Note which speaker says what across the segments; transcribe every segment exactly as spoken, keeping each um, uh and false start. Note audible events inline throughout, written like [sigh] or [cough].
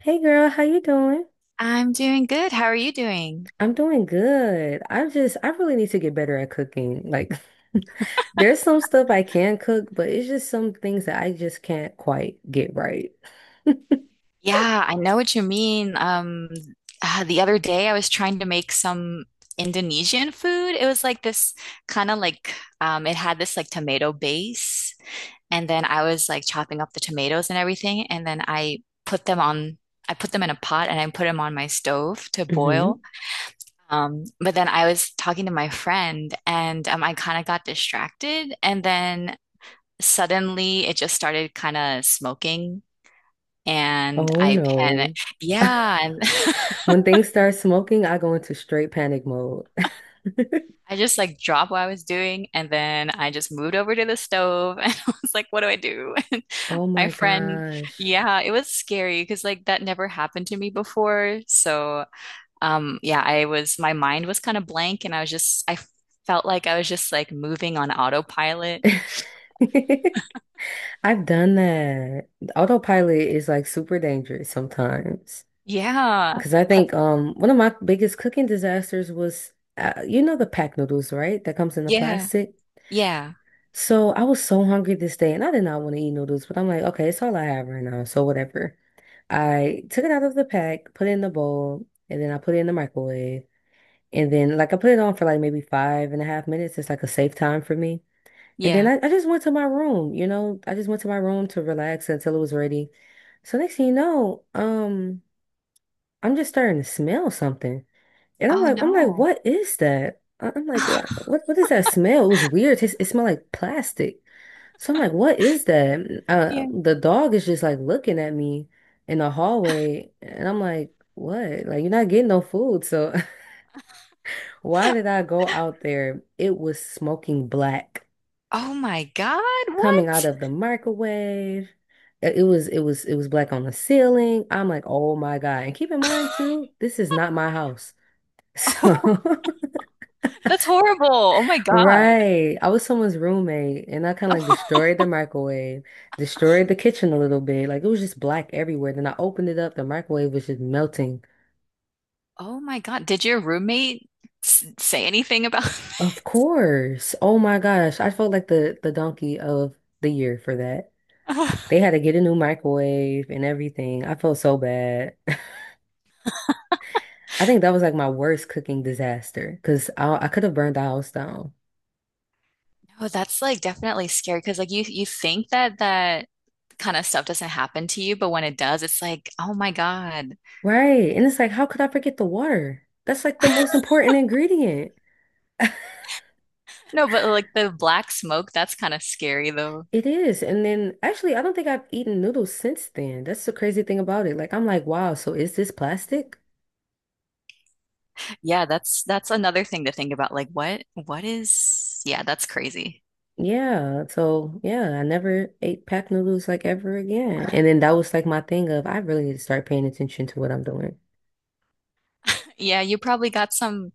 Speaker 1: Hey girl, how you doing?
Speaker 2: I'm doing good. How are you doing?
Speaker 1: I'm doing good. I just I really need to get better at cooking. Like [laughs] there's some stuff I can cook, but it's just some things that I just can't quite get right. [laughs]
Speaker 2: Yeah, I know what you mean. Um, uh, the other day I was trying to make some Indonesian food. It was like this kind of like um, it had this like tomato base, and then I was like chopping up the tomatoes and everything, and then I put them on. I put them in a pot and I put them on my stove to boil.
Speaker 1: Mhm.
Speaker 2: Um, but then I was talking to my friend and um, I kind of got distracted, and then suddenly it just started kind of smoking. And
Speaker 1: Oh
Speaker 2: I
Speaker 1: no.
Speaker 2: panicked. Yeah, and
Speaker 1: [laughs]
Speaker 2: [laughs]
Speaker 1: When things start smoking, I go into straight panic mode. [laughs]
Speaker 2: I just like dropped what I was doing and then I just moved over to the stove [laughs] and I was like, what do I do? [laughs] And
Speaker 1: Oh
Speaker 2: my
Speaker 1: my
Speaker 2: friend,
Speaker 1: gosh.
Speaker 2: yeah, it was scary because like that never happened to me before. So, um yeah, I was my mind was kind of blank and I was just I felt like I was just like moving on autopilot.
Speaker 1: [laughs] I've done that. Autopilot is like super dangerous sometimes.
Speaker 2: Yeah.
Speaker 1: Because I
Speaker 2: Have
Speaker 1: think um one of my biggest cooking disasters was uh, you know the pack noodles, right? That comes in the
Speaker 2: yeah.
Speaker 1: plastic.
Speaker 2: Yeah.
Speaker 1: So I was so hungry this day and I did not want to eat noodles, but I'm like, okay, it's all I have right now, so whatever. I took it out of the pack, put it in the bowl, and then I put it in the microwave. And then like I put it on for like maybe five and a half minutes. It's like a safe time for me. And then
Speaker 2: Yeah.
Speaker 1: I, I just went to my room, you know, I just went to my room to relax until it was ready. So next thing you know, um, I'm just starting to smell something. And I'm
Speaker 2: Oh
Speaker 1: like, I'm like,
Speaker 2: no.
Speaker 1: what is that? I- I'm like, "Uh,
Speaker 2: [laughs]
Speaker 1: what what is that smell?" It was weird. It, it smelled like plastic. So I'm like, what is that? Uh,
Speaker 2: Yeah.
Speaker 1: the dog is just like looking at me in the hallway, and I'm like, what? Like you're not getting no food, so [laughs] why did I go out there? It was smoking black
Speaker 2: Oh my God,
Speaker 1: coming out
Speaker 2: what?
Speaker 1: of the microwave. It it was it was it was black on the ceiling. I'm like, oh my God. And keep in mind
Speaker 2: [laughs]
Speaker 1: too, this is not my house. [laughs] So
Speaker 2: Oh.
Speaker 1: [laughs]
Speaker 2: That's horrible. Oh my God.
Speaker 1: right. I was someone's roommate and I kind of like destroyed
Speaker 2: [laughs]
Speaker 1: the microwave, destroyed the kitchen a little bit. Like it was just black everywhere. Then I opened it up, the microwave was just melting.
Speaker 2: Oh my God. Did your roommate s say anything about
Speaker 1: Of course. Oh my gosh. I felt like the the donkey of the year for that. They
Speaker 2: [laughs]
Speaker 1: had
Speaker 2: Oh,
Speaker 1: to get a new microwave and everything. I felt so bad. [laughs] I think that was like my worst cooking disaster because I, I could have burned the house down.
Speaker 2: that's like definitely scary because like you you think that that kind of stuff doesn't happen to you, but when it does, it's like, oh my God.
Speaker 1: Right. And it's like, how could I forget the water? That's like the most
Speaker 2: [laughs]
Speaker 1: important ingredient. [laughs]
Speaker 2: No, but like the black smoke, that's kind of scary though.
Speaker 1: It is. And then actually, I don't think I've eaten noodles since then. That's the crazy thing about it. Like, I'm like, wow, so is this plastic?
Speaker 2: Yeah, that's that's another thing to think about. Like what what is yeah, that's crazy.
Speaker 1: Yeah. So, yeah, I never ate packed noodles like ever again. And then that was like my thing of I really need to start paying attention to what I'm doing.
Speaker 2: Yeah, you probably got some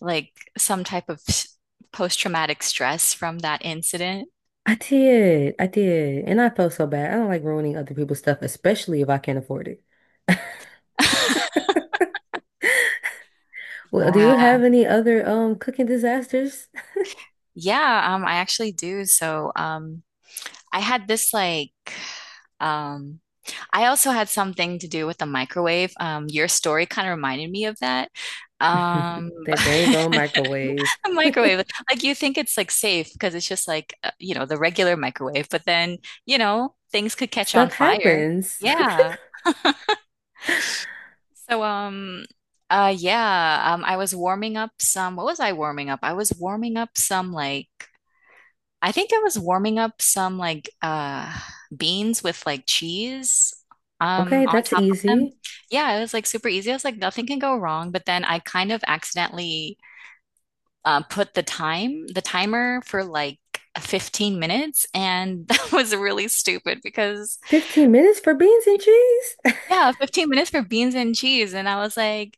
Speaker 2: like some type of s- post-traumatic stress from that incident.
Speaker 1: I did. I did. And I felt so bad. I don't like ruining other people's stuff, especially if I can't afford it. [laughs]
Speaker 2: [laughs]
Speaker 1: Well, do you
Speaker 2: Yeah.
Speaker 1: have any other um cooking disasters?
Speaker 2: Yeah, um, I actually do. So, um, I had this like, um, I also had something to do with the microwave. Um, your story kind of reminded me of that. Um,
Speaker 1: [laughs]
Speaker 2: [laughs] but
Speaker 1: That dang on
Speaker 2: [laughs]
Speaker 1: microwave.
Speaker 2: a microwave,
Speaker 1: [laughs]
Speaker 2: like you think it's like safe because it's just like, uh, you know, the regular microwave, but then, you know, things could catch on
Speaker 1: Stuff
Speaker 2: fire.
Speaker 1: happens.
Speaker 2: Yeah.
Speaker 1: [laughs]
Speaker 2: So, um, uh, yeah, um, I was warming up some, what was I warming up? I was warming up some like I think I was warming up some like uh beans with like cheese
Speaker 1: Okay,
Speaker 2: um on
Speaker 1: that's
Speaker 2: top of them.
Speaker 1: easy.
Speaker 2: Yeah, it was like super easy. I was like, nothing can go wrong. But then I kind of accidentally uh, put the time, the timer for like fifteen minutes, and [laughs] that was really stupid because
Speaker 1: fifteen minutes for beans and cheese?
Speaker 2: yeah, fifteen minutes for beans and cheese. And I was like,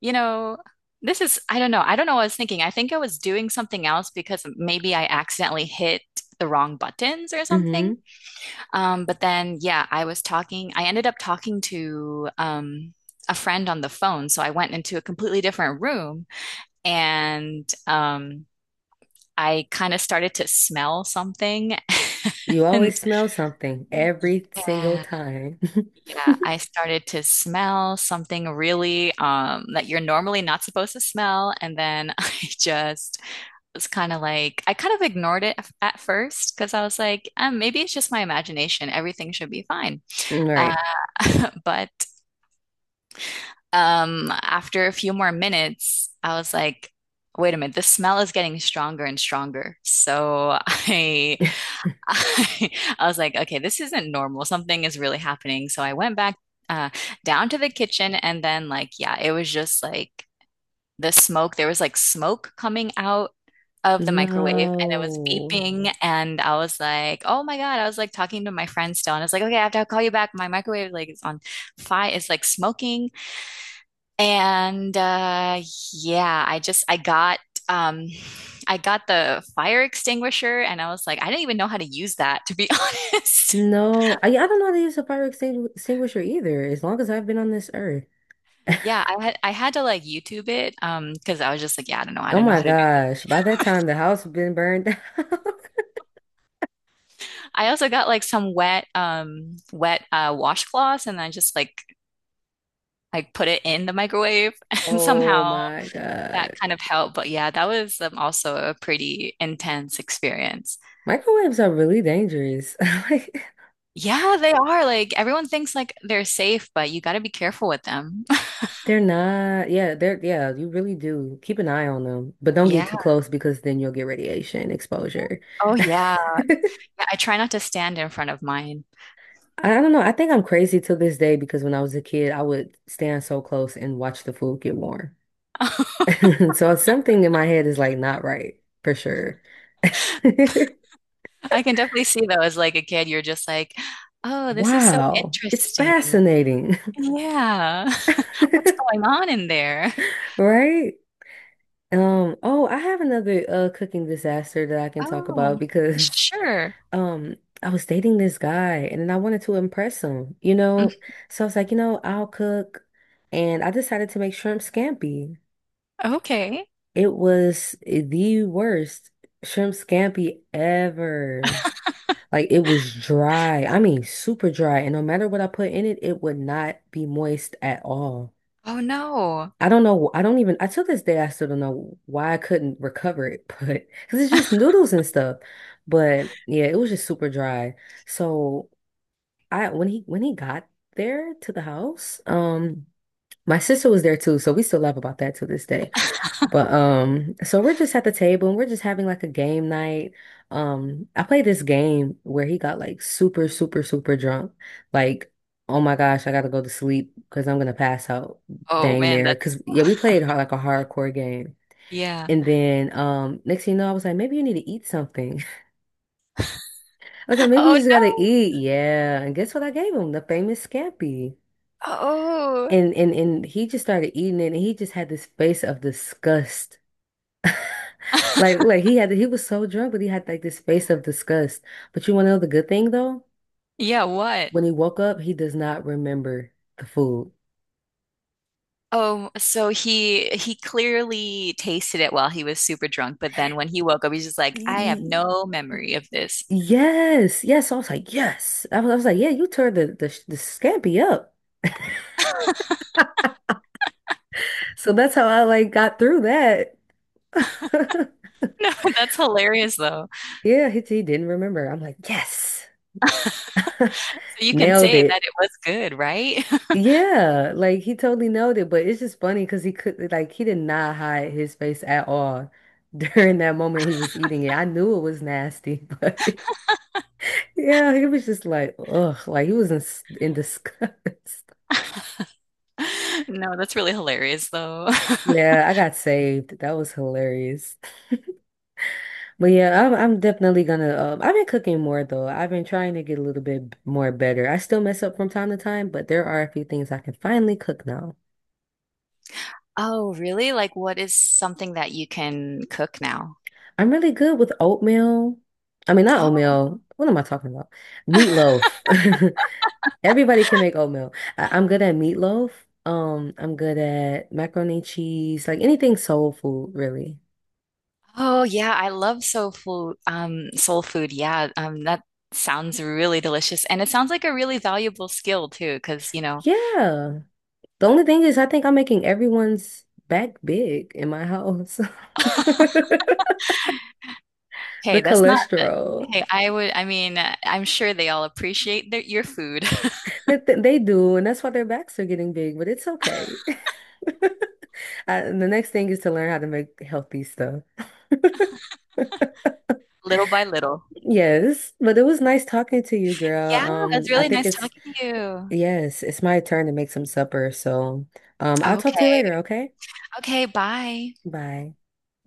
Speaker 2: you know, this is, I don't know. I don't know what I was thinking. I think I was doing something else because maybe I accidentally hit the wrong buttons or
Speaker 1: [laughs]
Speaker 2: something.
Speaker 1: hmm.
Speaker 2: Um, but then, yeah, I was talking, I ended up talking to um, a friend on the phone. So I went into a completely different room and um, I kind of started to smell something. [laughs]
Speaker 1: You
Speaker 2: And
Speaker 1: always smell something every single
Speaker 2: yeah,
Speaker 1: time. [laughs]
Speaker 2: yeah, I started to smell something really um, that you're normally not supposed to smell. And then [laughs] I just was kind of like, I kind of ignored it f- at first because I was like, um, maybe it's just my imagination. Everything should be fine. Uh,
Speaker 1: Right.
Speaker 2: [laughs] but Um, after a few more minutes, I was like, wait a minute, the smell is getting stronger and stronger. So [laughs] I, I, I was like, okay, this isn't normal. Something is really happening. So I went back uh, down to the kitchen and then like, yeah, it was just like the smoke. There was like smoke coming out of the microwave and it was
Speaker 1: No.
Speaker 2: beeping and I was like, oh my God. I was like talking to my friend still and I was like, okay, I have to call you back. My microwave like is on fire. It's like smoking and uh, yeah, I just I got um I got the fire extinguisher and I was like, I didn't even know how to use that to be [laughs] honest.
Speaker 1: No. I, I don't know how to use a fire extingu- extinguisher either, as long as I've been on this earth. [laughs]
Speaker 2: Yeah, I had I had to like YouTube it um because I was just like, yeah, I don't know, I
Speaker 1: Oh
Speaker 2: don't know
Speaker 1: my
Speaker 2: how to do it.
Speaker 1: gosh. By that time, the house has been burned down. [laughs]
Speaker 2: I also got like some wet um wet uh washcloths and I just like like put it in the microwave [laughs] and
Speaker 1: Oh
Speaker 2: somehow
Speaker 1: my
Speaker 2: that
Speaker 1: God.
Speaker 2: kind of helped. But yeah, that was um, also a pretty intense experience.
Speaker 1: Microwaves are really dangerous. [laughs] Like
Speaker 2: Yeah, they are. Like everyone thinks like they're safe, but you got to be careful with them. [laughs]
Speaker 1: they're not, yeah, they're yeah, you really do. Keep an eye on them, but don't get
Speaker 2: Yeah.
Speaker 1: too close because then you'll get radiation exposure.
Speaker 2: Oh,
Speaker 1: [laughs] I
Speaker 2: yeah. Yeah, I try not to stand in front of mine.
Speaker 1: don't know. I think I'm crazy to this day because when I was a kid, I would stand so close and watch the food get warm.
Speaker 2: [laughs]
Speaker 1: [laughs] So something in my head is like not right for sure. [laughs]
Speaker 2: I can definitely see though, as like a kid, you're just like, oh, this is so
Speaker 1: Wow, it's
Speaker 2: interesting.
Speaker 1: fascinating.
Speaker 2: Yeah. [laughs] What's
Speaker 1: [laughs]
Speaker 2: going on in there?
Speaker 1: Right? Um, oh, I have another uh cooking disaster that I can talk about
Speaker 2: Oh,
Speaker 1: because
Speaker 2: sure.
Speaker 1: [laughs] um I was dating this guy and then I wanted to impress him, you
Speaker 2: Mm,
Speaker 1: know? So I was like, you know, I'll cook and I decided to make shrimp scampi.
Speaker 2: okay.
Speaker 1: It was the worst shrimp scampi ever. Like it was dry. I mean, super dry. And no matter what I put in it, it would not be moist at all.
Speaker 2: Oh no.
Speaker 1: I don't know. I don't even, I till this day, I still don't know why I couldn't recover it, [laughs] but because it's just noodles and stuff. But yeah, it was just super dry. So I, when he, when he got there to the house, um, my sister was there too. So we still laugh about that to this day. But um, so we're just at the table and we're just having like a game night. Um, I played this game where he got like super, super, super drunk. Like, oh my gosh, I gotta go to sleep because I'm gonna pass out
Speaker 2: Oh
Speaker 1: dang
Speaker 2: man,
Speaker 1: near. Cause
Speaker 2: that's
Speaker 1: yeah, we played hard, like a hardcore game.
Speaker 2: yeah.
Speaker 1: And then um next thing you know, I was like, maybe you need to eat something. [laughs] I was like, maybe
Speaker 2: Oh
Speaker 1: you just gotta
Speaker 2: no.
Speaker 1: eat. Yeah. And guess what I gave him? The famous scampi.
Speaker 2: Oh.
Speaker 1: And and and he just started eating it and he just had this face of disgust. Like,
Speaker 2: [laughs]
Speaker 1: like he had, he was so drunk, but he had like this face of disgust. But you want to know the good thing though?
Speaker 2: Yeah, what?
Speaker 1: When he woke up, he does not remember the food.
Speaker 2: Oh, so he he clearly tasted it while he was super drunk, but then when he woke up, he's just like, I have
Speaker 1: Y-
Speaker 2: no memory of this. [laughs]
Speaker 1: Yes, yes. So I was like, yes. I was, I was like, yeah, you turned the, the the scampi up. [laughs] So that's how I like got through that. [laughs]
Speaker 2: No, that's hilarious though.
Speaker 1: Yeah, he, he didn't remember. I'm like, yes,
Speaker 2: So
Speaker 1: [laughs]
Speaker 2: you can
Speaker 1: nailed
Speaker 2: say that
Speaker 1: it.
Speaker 2: it was good, right?
Speaker 1: Yeah, like he totally nailed it, but it's just funny because he could like he did not hide his face at all [laughs] during that moment he was eating it. I knew it was nasty, but [laughs] yeah, he was just like, ugh, like he was in, s- in disgust. [laughs]
Speaker 2: [laughs] No, that's really hilarious though.
Speaker 1: Yeah,
Speaker 2: [laughs]
Speaker 1: I got saved. That was hilarious. But yeah, I'm I'm definitely gonna. Um, I've been cooking more though. I've been trying to get a little bit more better. I still mess up from time to time, but there are a few things I can finally cook now.
Speaker 2: Oh, really? Like what is something that you can cook now?
Speaker 1: I'm really good with oatmeal. I mean, not
Speaker 2: Oh.
Speaker 1: oatmeal. What am I talking about?
Speaker 2: [laughs]
Speaker 1: Meatloaf. [laughs] Everybody can make oatmeal. I I'm good at meatloaf. Um, I'm good at macaroni and cheese, like anything soul food, really.
Speaker 2: Oh yeah, I love soul food. Um, soul food. Yeah, um, that sounds really delicious, and it sounds like a really valuable skill too. Because you know,
Speaker 1: Yeah. The only thing is, I think I'm making everyone's back big in my house. [laughs] The
Speaker 2: hey, that's not
Speaker 1: cholesterol.
Speaker 2: Hey, I would, I mean, uh, I'm sure they all appreciate their, your food [laughs]
Speaker 1: They, they they do, and that's why their backs are getting big, but it's okay. [laughs] I, the next thing is to learn how to make healthy.
Speaker 2: little by little.
Speaker 1: Yes, but it was nice talking to you, girl.
Speaker 2: Yeah,
Speaker 1: Um,
Speaker 2: it's
Speaker 1: I
Speaker 2: really
Speaker 1: think
Speaker 2: nice
Speaker 1: it's
Speaker 2: talking to you.
Speaker 1: yes, it's my turn to make some supper. So, um, I'll talk to you
Speaker 2: Okay.
Speaker 1: later, okay?
Speaker 2: Okay, bye.
Speaker 1: Bye.